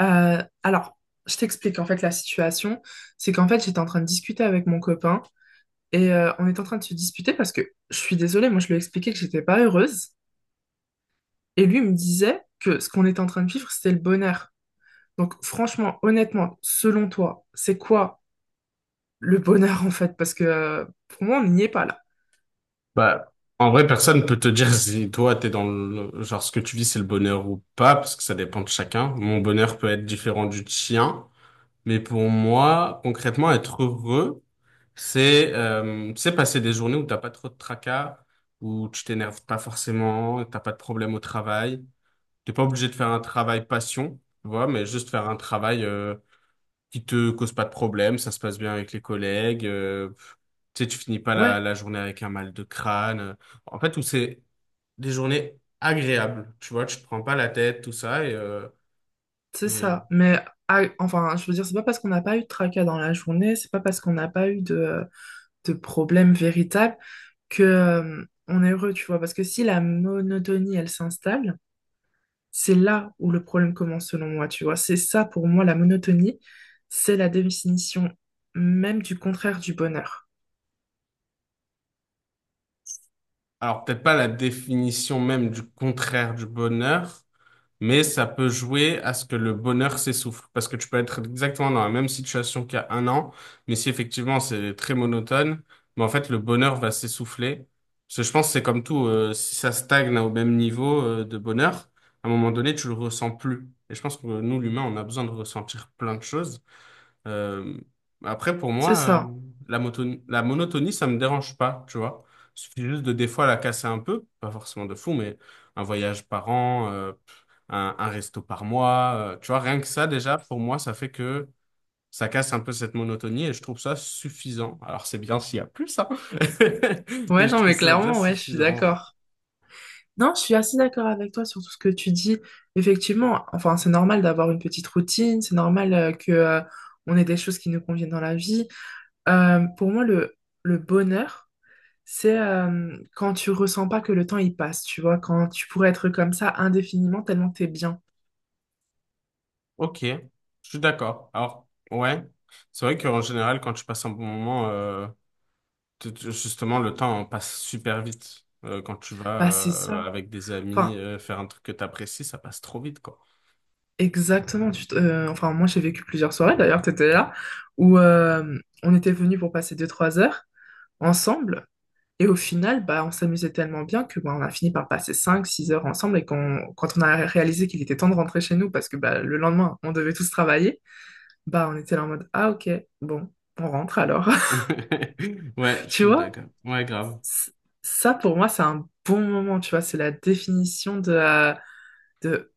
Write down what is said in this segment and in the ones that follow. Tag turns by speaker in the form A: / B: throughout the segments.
A: Alors, je t'explique en fait la situation. C'est qu'en fait, j'étais en train de discuter avec mon copain et on est en train de se disputer parce que je suis désolée, moi je lui ai expliqué que j'étais pas heureuse et lui il me disait que ce qu'on était en train de vivre, c'était le bonheur. Donc, franchement, honnêtement, selon toi, c'est quoi le bonheur en fait? Parce que pour moi, on n'y est pas là.
B: Bah, en vrai, personne peut te dire si toi, t'es dans le, genre, ce que tu vis, c'est le bonheur ou pas, parce que ça dépend de chacun. Mon bonheur peut être différent du tien, mais pour moi, concrètement, être heureux, c'est passer des journées où t'as pas trop de tracas, où tu t'énerves pas forcément, t'as pas de problème au travail. T'es pas obligé de faire un travail passion, tu vois, mais juste faire un travail, qui te cause pas de problème, ça se passe bien avec les collègues, tu sais, tu finis pas la,
A: Ouais,
B: la journée avec un mal de crâne. En fait, où c'est des journées agréables, tu vois, tu te prends pas la tête, tout ça.
A: c'est
B: Et...
A: ça. Mais ah, enfin, je veux dire, c'est pas parce qu'on n'a pas eu de tracas dans la journée, c'est pas parce qu'on n'a pas eu de problème véritable que on est heureux, tu vois. Parce que si la monotonie, elle s'installe, c'est là où le problème commence, selon moi, tu vois. C'est ça, pour moi, la monotonie, c'est la définition même du contraire du bonheur.
B: Alors, peut-être pas la définition même du contraire du bonheur, mais ça peut jouer à ce que le bonheur s'essouffle. Parce que tu peux être exactement dans la même situation qu'il y a un an, mais si effectivement c'est très monotone, mais en fait le bonheur va s'essouffler. Parce que je pense que c'est comme tout, si ça stagne au même niveau, de bonheur, à un moment donné, tu le ressens plus. Et je pense que nous, l'humain, on a besoin de ressentir plein de choses. Euh, après, pour
A: C'est
B: moi,
A: ça.
B: la monotonie, ça me dérange pas, tu vois. Il suffit juste de des fois la casser un peu, pas forcément de fou, mais un voyage par an, un resto par mois, tu vois, rien que ça, déjà, pour moi, ça fait que ça casse un peu cette monotonie et je trouve ça suffisant. Alors, c'est bien s'il y a plus, hein, mais
A: Ouais,
B: je
A: non,
B: trouve
A: mais
B: ça déjà
A: clairement, ouais, je suis
B: suffisant, en vrai.
A: d'accord. Non, je suis assez d'accord avec toi sur tout ce que tu dis. Effectivement, enfin, c'est normal d'avoir une petite routine, c'est normal que on ait des choses qui nous conviennent dans la vie. Pour moi, le bonheur, c'est quand tu ressens pas que le temps il passe, tu vois, quand tu pourrais être comme ça indéfiniment tellement t'es bien.
B: Ok, je suis d'accord. Alors, ouais, c'est vrai qu'en général, quand tu passes un bon moment, justement, le temps passe super vite. Quand tu vas
A: Bah c'est ça.
B: avec des amis
A: Enfin,
B: faire un truc que tu apprécies, ça passe trop vite, quoi.
A: exactement. Enfin, moi j'ai vécu plusieurs soirées d'ailleurs, t'étais là, où on était venus pour passer deux trois heures ensemble. Et au final, bah, on s'amusait tellement bien que bah, on a fini par passer cinq six heures ensemble. Et quand on a réalisé qu'il était temps de rentrer chez nous, parce que bah, le lendemain, on devait tous travailler, bah, on était là en mode, ah ok, bon, on rentre alors.
B: Ouais, je
A: Tu
B: suis
A: vois?
B: d'accord. Ouais, grave.
A: c- Ça, pour moi, c'est un bon moment, tu vois. C'est la définition de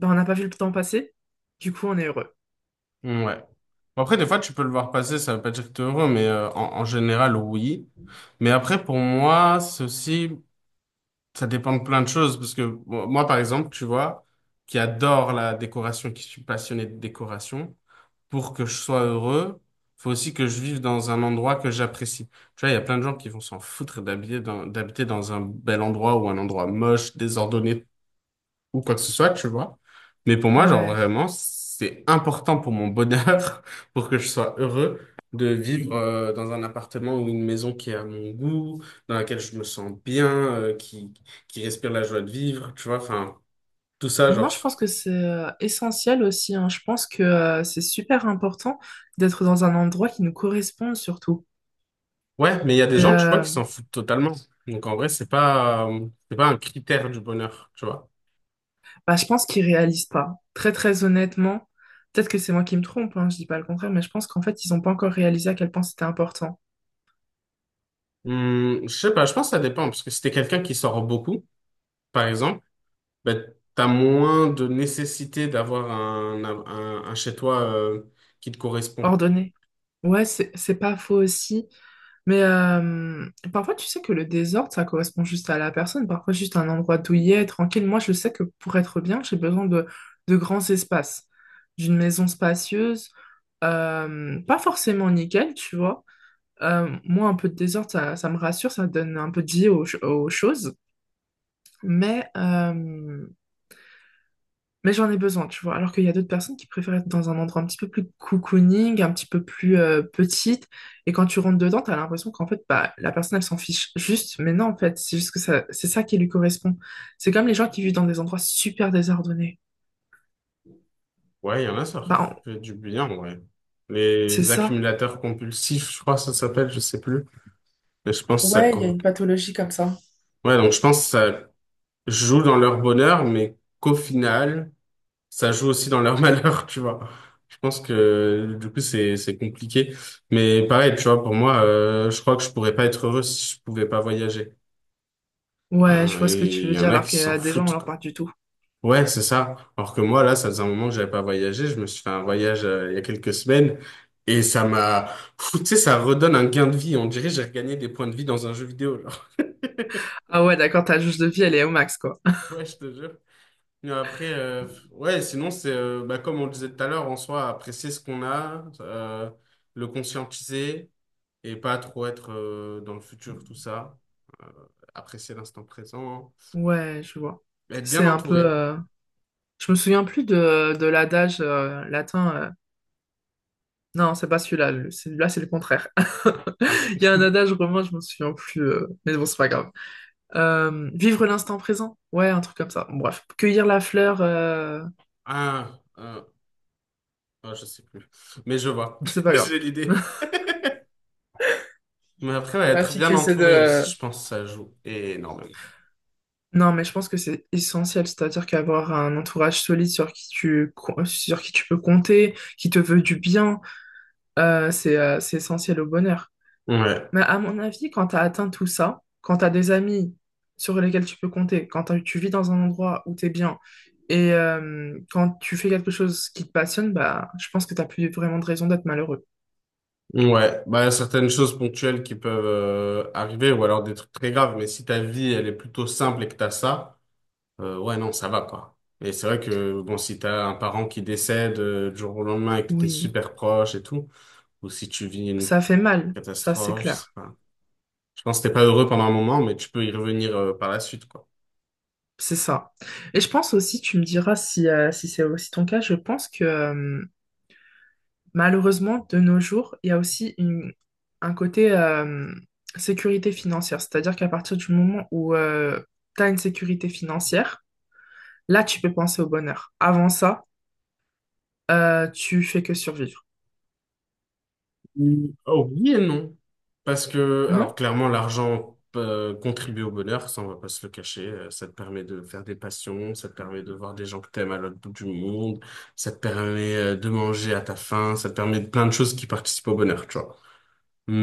A: bah, on n'a pas vu le temps passer, du coup, on est heureux.
B: Ouais. Bon, après, des fois, tu peux le voir passer, ça veut pas dire que t'es heureux, mais en, en général, oui. Mais après, pour moi, ceci ça dépend de plein de choses, parce que bon, moi, par exemple, tu vois, qui adore la décoration, qui suis passionné de décoration, pour que je sois heureux, faut aussi que je vive dans un endroit que j'apprécie. Tu vois, il y a plein de gens qui vont s'en foutre d'habiter dans un bel endroit ou un endroit moche, désordonné, ou quoi que ce soit, tu vois. Mais pour moi, genre
A: Ouais.
B: vraiment, c'est important pour mon bonheur, pour que je sois heureux, de vivre dans un appartement ou une maison qui est à mon goût, dans laquelle je me sens bien, qui respire la joie de vivre, tu vois. Enfin, tout ça,
A: Non,
B: genre.
A: je pense que c'est essentiel aussi, hein. Je pense que c'est super important d'être dans un endroit qui nous corresponde surtout.
B: Ouais, mais il y a des
A: Et,
B: gens, tu vois, qui s'en foutent totalement. Donc en vrai, c'est pas un critère du bonheur, tu vois.
A: bah, je pense qu'ils réalisent pas. Très, très honnêtement, peut-être que c'est moi qui me trompe, hein, je dis pas le contraire, mais je pense qu'en fait, ils n'ont pas encore réalisé à quel point c'était important.
B: Je sais pas, je pense que ça dépend, parce que si t'es quelqu'un qui sort beaucoup, par exemple, ben, tu as moins de nécessité d'avoir un chez toi qui te correspond.
A: Ordonné. Ouais, c'est pas faux aussi. Mais parfois, tu sais que le désordre, ça correspond juste à la personne. Parfois, juste un endroit douillet, tranquille. Moi, je sais que pour être bien, j'ai besoin de grands espaces, d'une maison spacieuse, pas forcément nickel, tu vois. Moi, un peu de désordre, ça me rassure, ça donne un peu de vie aux choses. Mais euh, mais j'en ai besoin, tu vois. Alors qu'il y a d'autres personnes qui préfèrent être dans un endroit un petit peu plus cocooning, un petit peu plus petite. Et quand tu rentres dedans, t'as l'impression qu'en fait, bah, la personne, elle s'en fiche juste. Mais non, en fait, c'est juste que ça, c'est ça qui lui correspond. C'est comme les gens qui vivent dans des endroits super désordonnés.
B: Ouais, il y en a, ça
A: Bah, on-
B: fait du bien, en vrai.
A: c'est
B: Les
A: ça.
B: accumulateurs compulsifs, je crois que ça s'appelle, je sais plus. Mais je pense que
A: Ouais, il y a une pathologie comme ça.
B: ouais, donc je pense que ça joue dans leur bonheur, mais qu'au final, ça joue aussi dans leur malheur, tu vois. Je pense que du coup, c'est compliqué. Mais pareil, tu vois, pour moi, je crois que je pourrais pas être heureux si je pouvais pas voyager.
A: Ouais, je vois ce que
B: Et
A: tu
B: il
A: veux
B: y
A: dire,
B: en a
A: alors
B: qui
A: qu'il y
B: s'en
A: a des gens, on
B: foutent,
A: leur
B: quoi.
A: parle du tout.
B: Ouais, c'est ça. Alors que moi, là, ça faisait un moment que j'avais pas voyagé. Je me suis fait un voyage il y a quelques semaines et ça m'a, pfff, tu sais, ça redonne un gain de vie. On dirait que j'ai regagné des points de vie dans un jeu vidéo. Genre.
A: Ah ouais, d'accord, ta jauge de vie, elle est au max, quoi.
B: Ouais, je te jure. Mais après, ouais, sinon, c'est bah, comme on le disait tout à l'heure, en soi, apprécier ce qu'on a, le conscientiser et pas trop être dans le futur, tout ça. Euh, Apprécier l'instant présent,
A: Ouais, je vois.
B: être
A: C'est
B: bien
A: un peu.
B: entouré.
A: Je me souviens plus de l'adage latin. Non, c'est pas celui-là. Celui-là, c'est le contraire.
B: Ah,
A: Il y a un adage romain, je me souviens plus. Mais bon, c'est pas grave. Vivre l'instant présent. Ouais, un truc comme ça. Bon, bref. Cueillir la fleur,
B: ah, euh, oh, je sais plus. Mais je vois,
A: c'est pas
B: j'ai
A: grave.
B: l'idée. Mais après, ouais,
A: La
B: être
A: fille qui
B: bien
A: essaie
B: entouré
A: de.
B: aussi, je pense que ça joue énormément.
A: Non, mais je pense que c'est essentiel, c'est-à-dire qu'avoir un entourage solide sur qui tu peux compter, qui te veut du bien, c'est essentiel au bonheur.
B: Ouais,
A: Mais à mon avis, quand tu as atteint tout ça, quand tu as des amis sur lesquels tu peux compter, quand tu vis dans un endroit où tu es bien et quand tu fais quelque chose qui te passionne, bah, je pense que tu plus vraiment de raison d'être malheureux.
B: ouais. Bah, certaines choses ponctuelles qui peuvent arriver, ou alors des trucs très graves, mais si ta vie, elle est plutôt simple et que t'as ça, ouais, non, ça va, quoi. Et c'est vrai que, bon, si t'as un parent qui décède du jour au lendemain et que t'es
A: Oui,
B: super proche et tout, ou si tu vis une
A: ça fait mal, ça c'est
B: catastrophe, je sais
A: clair.
B: pas. Je pense que t'es pas heureux pendant un moment, mais tu peux y revenir par la suite, quoi.
A: C'est ça. Et je pense aussi, tu me diras si, si c'est aussi ton cas, je pense que malheureusement, de nos jours, il y a aussi un côté sécurité financière. C'est-à-dire qu'à partir du moment où tu as une sécurité financière, là, tu peux penser au bonheur. Avant ça, tu fais que survivre.
B: Mm, oh, oui et non. Parce que, alors
A: Non?
B: clairement, l'argent contribue au bonheur, ça on va pas se le cacher. Ça te permet de faire des passions, ça te permet de voir des gens que t'aimes à l'autre bout du monde, ça te permet de manger à ta faim, ça te permet de plein de choses qui participent au bonheur, tu vois.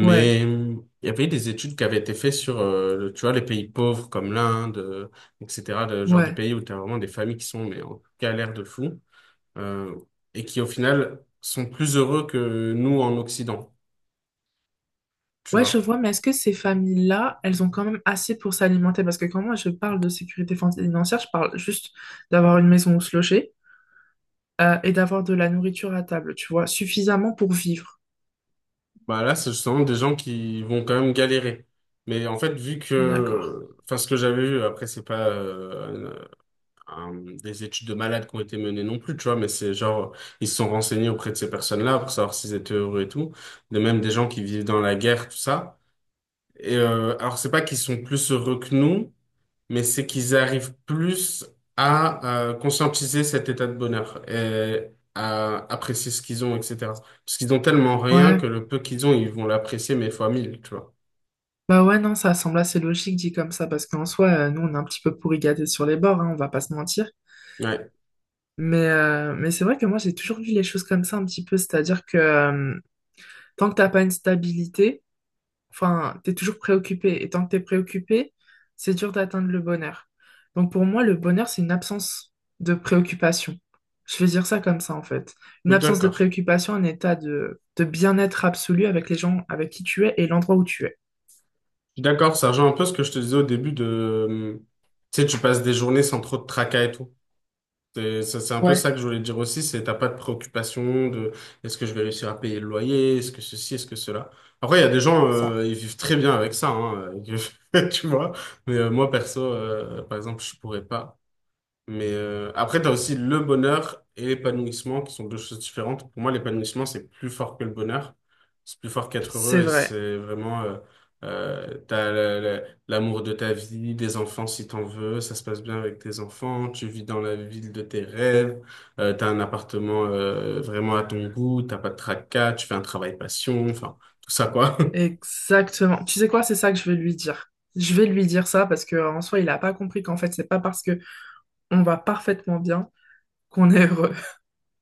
A: Ouais,
B: il y avait des études qui avaient été faites sur, tu vois, les pays pauvres comme l'Inde, etc. Genre des
A: ouais.
B: pays où tu as vraiment des familles qui sont mais en galère de fou euh, et qui au final sont plus heureux que nous en Occident, tu
A: Ouais, je
B: vois.
A: vois, mais est-ce que ces familles-là, elles ont quand même assez pour s'alimenter? Parce que quand moi je parle de sécurité financière, je parle juste d'avoir une maison où se loger et d'avoir de la nourriture à table, tu vois, suffisamment pour vivre.
B: Bah là, c'est justement des gens qui vont quand même galérer. Mais en fait, vu
A: D'accord.
B: que, enfin, ce que j'avais vu, après, c'est pas un- un- des études de malades qui ont été menées non plus, tu vois, mais c'est genre, ils se sont renseignés auprès de ces personnes-là pour savoir s'ils étaient heureux et tout. De même, des gens qui vivent dans la guerre, tout ça. Et alors, c'est pas qu'ils sont plus heureux que nous, mais c'est qu'ils arrivent plus à conscientiser cet état de bonheur et à apprécier ce qu'ils ont, etc. Parce qu'ils ont tellement rien
A: Ouais.
B: que le peu qu'ils ont, ils vont l'apprécier, mais fois mille, tu vois.
A: Bah ouais, non, ça semble assez logique dit comme ça, parce qu'en soi, nous, on est un petit peu pourri gâtés sur les bords, hein, on va pas se mentir.
B: Ouais,
A: Mais c'est vrai que moi, j'ai toujours vu les choses comme ça un petit peu, tant que t'as pas une stabilité, enfin, t'es toujours préoccupé. Et tant que t'es préoccupé, c'est dur d'atteindre le bonheur. Donc pour moi, le bonheur, c'est une absence de préoccupation. Je vais dire ça comme ça, en fait.
B: je
A: Une
B: suis
A: absence de
B: d'accord.
A: préoccupation, un état de bien-être absolu avec les gens avec qui tu es et l'endroit où tu es.
B: Je suis d'accord, ça rejoint un peu ce que je te disais au début de... Tu sais, tu passes des journées sans trop de tracas et tout. C'est un peu
A: Ouais,
B: ça que je voulais dire aussi, c'est t'as pas de préoccupation de est-ce que je vais réussir à payer le loyer, est-ce que ceci, est-ce que cela. Après, il y a des gens,
A: ça.
B: ils vivent très bien avec ça, hein, tu vois. Mais moi, perso, par exemple, je pourrais pas. Mais après, tu as aussi le bonheur et l'épanouissement qui sont deux choses différentes. Pour moi, l'épanouissement, c'est plus fort que le bonheur. C'est plus fort qu'être
A: C'est
B: heureux et
A: vrai,
B: c'est vraiment, euh, t'as la- la- l'amour de ta vie, des enfants si t'en veux, ça se passe bien avec tes enfants, tu vis dans la ville de tes rêves, t'as un appartement vraiment à ton goût, t'as pas de tracas, tu fais un travail passion, enfin, tout ça quoi.
A: exactement. Tu sais quoi, c'est ça que je vais lui dire. Je vais lui dire ça parce que en soi, il a pas compris qu'en fait, c'est pas parce que on va parfaitement bien qu'on est heureux.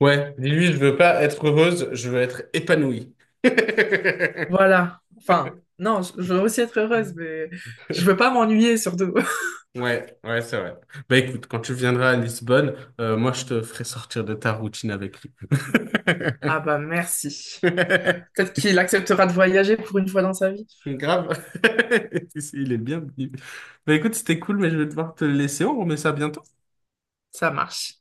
B: Ouais, dis-lui, je veux pas être heureuse, je veux être épanouie.
A: Voilà. Enfin, non, je veux aussi être heureuse, mais je veux pas m'ennuyer surtout.
B: Ouais, ouais, c'est vrai. Bah écoute, quand tu viendras à Lisbonne, moi je te ferai sortir de ta routine avec lui.
A: Ah bah merci. Peut-être qu'il acceptera de voyager pour une fois dans sa vie.
B: Grave. Il est bienvenu. Bah écoute, c'était cool, mais je vais devoir te laisser. On remet ça bientôt.
A: Ça marche.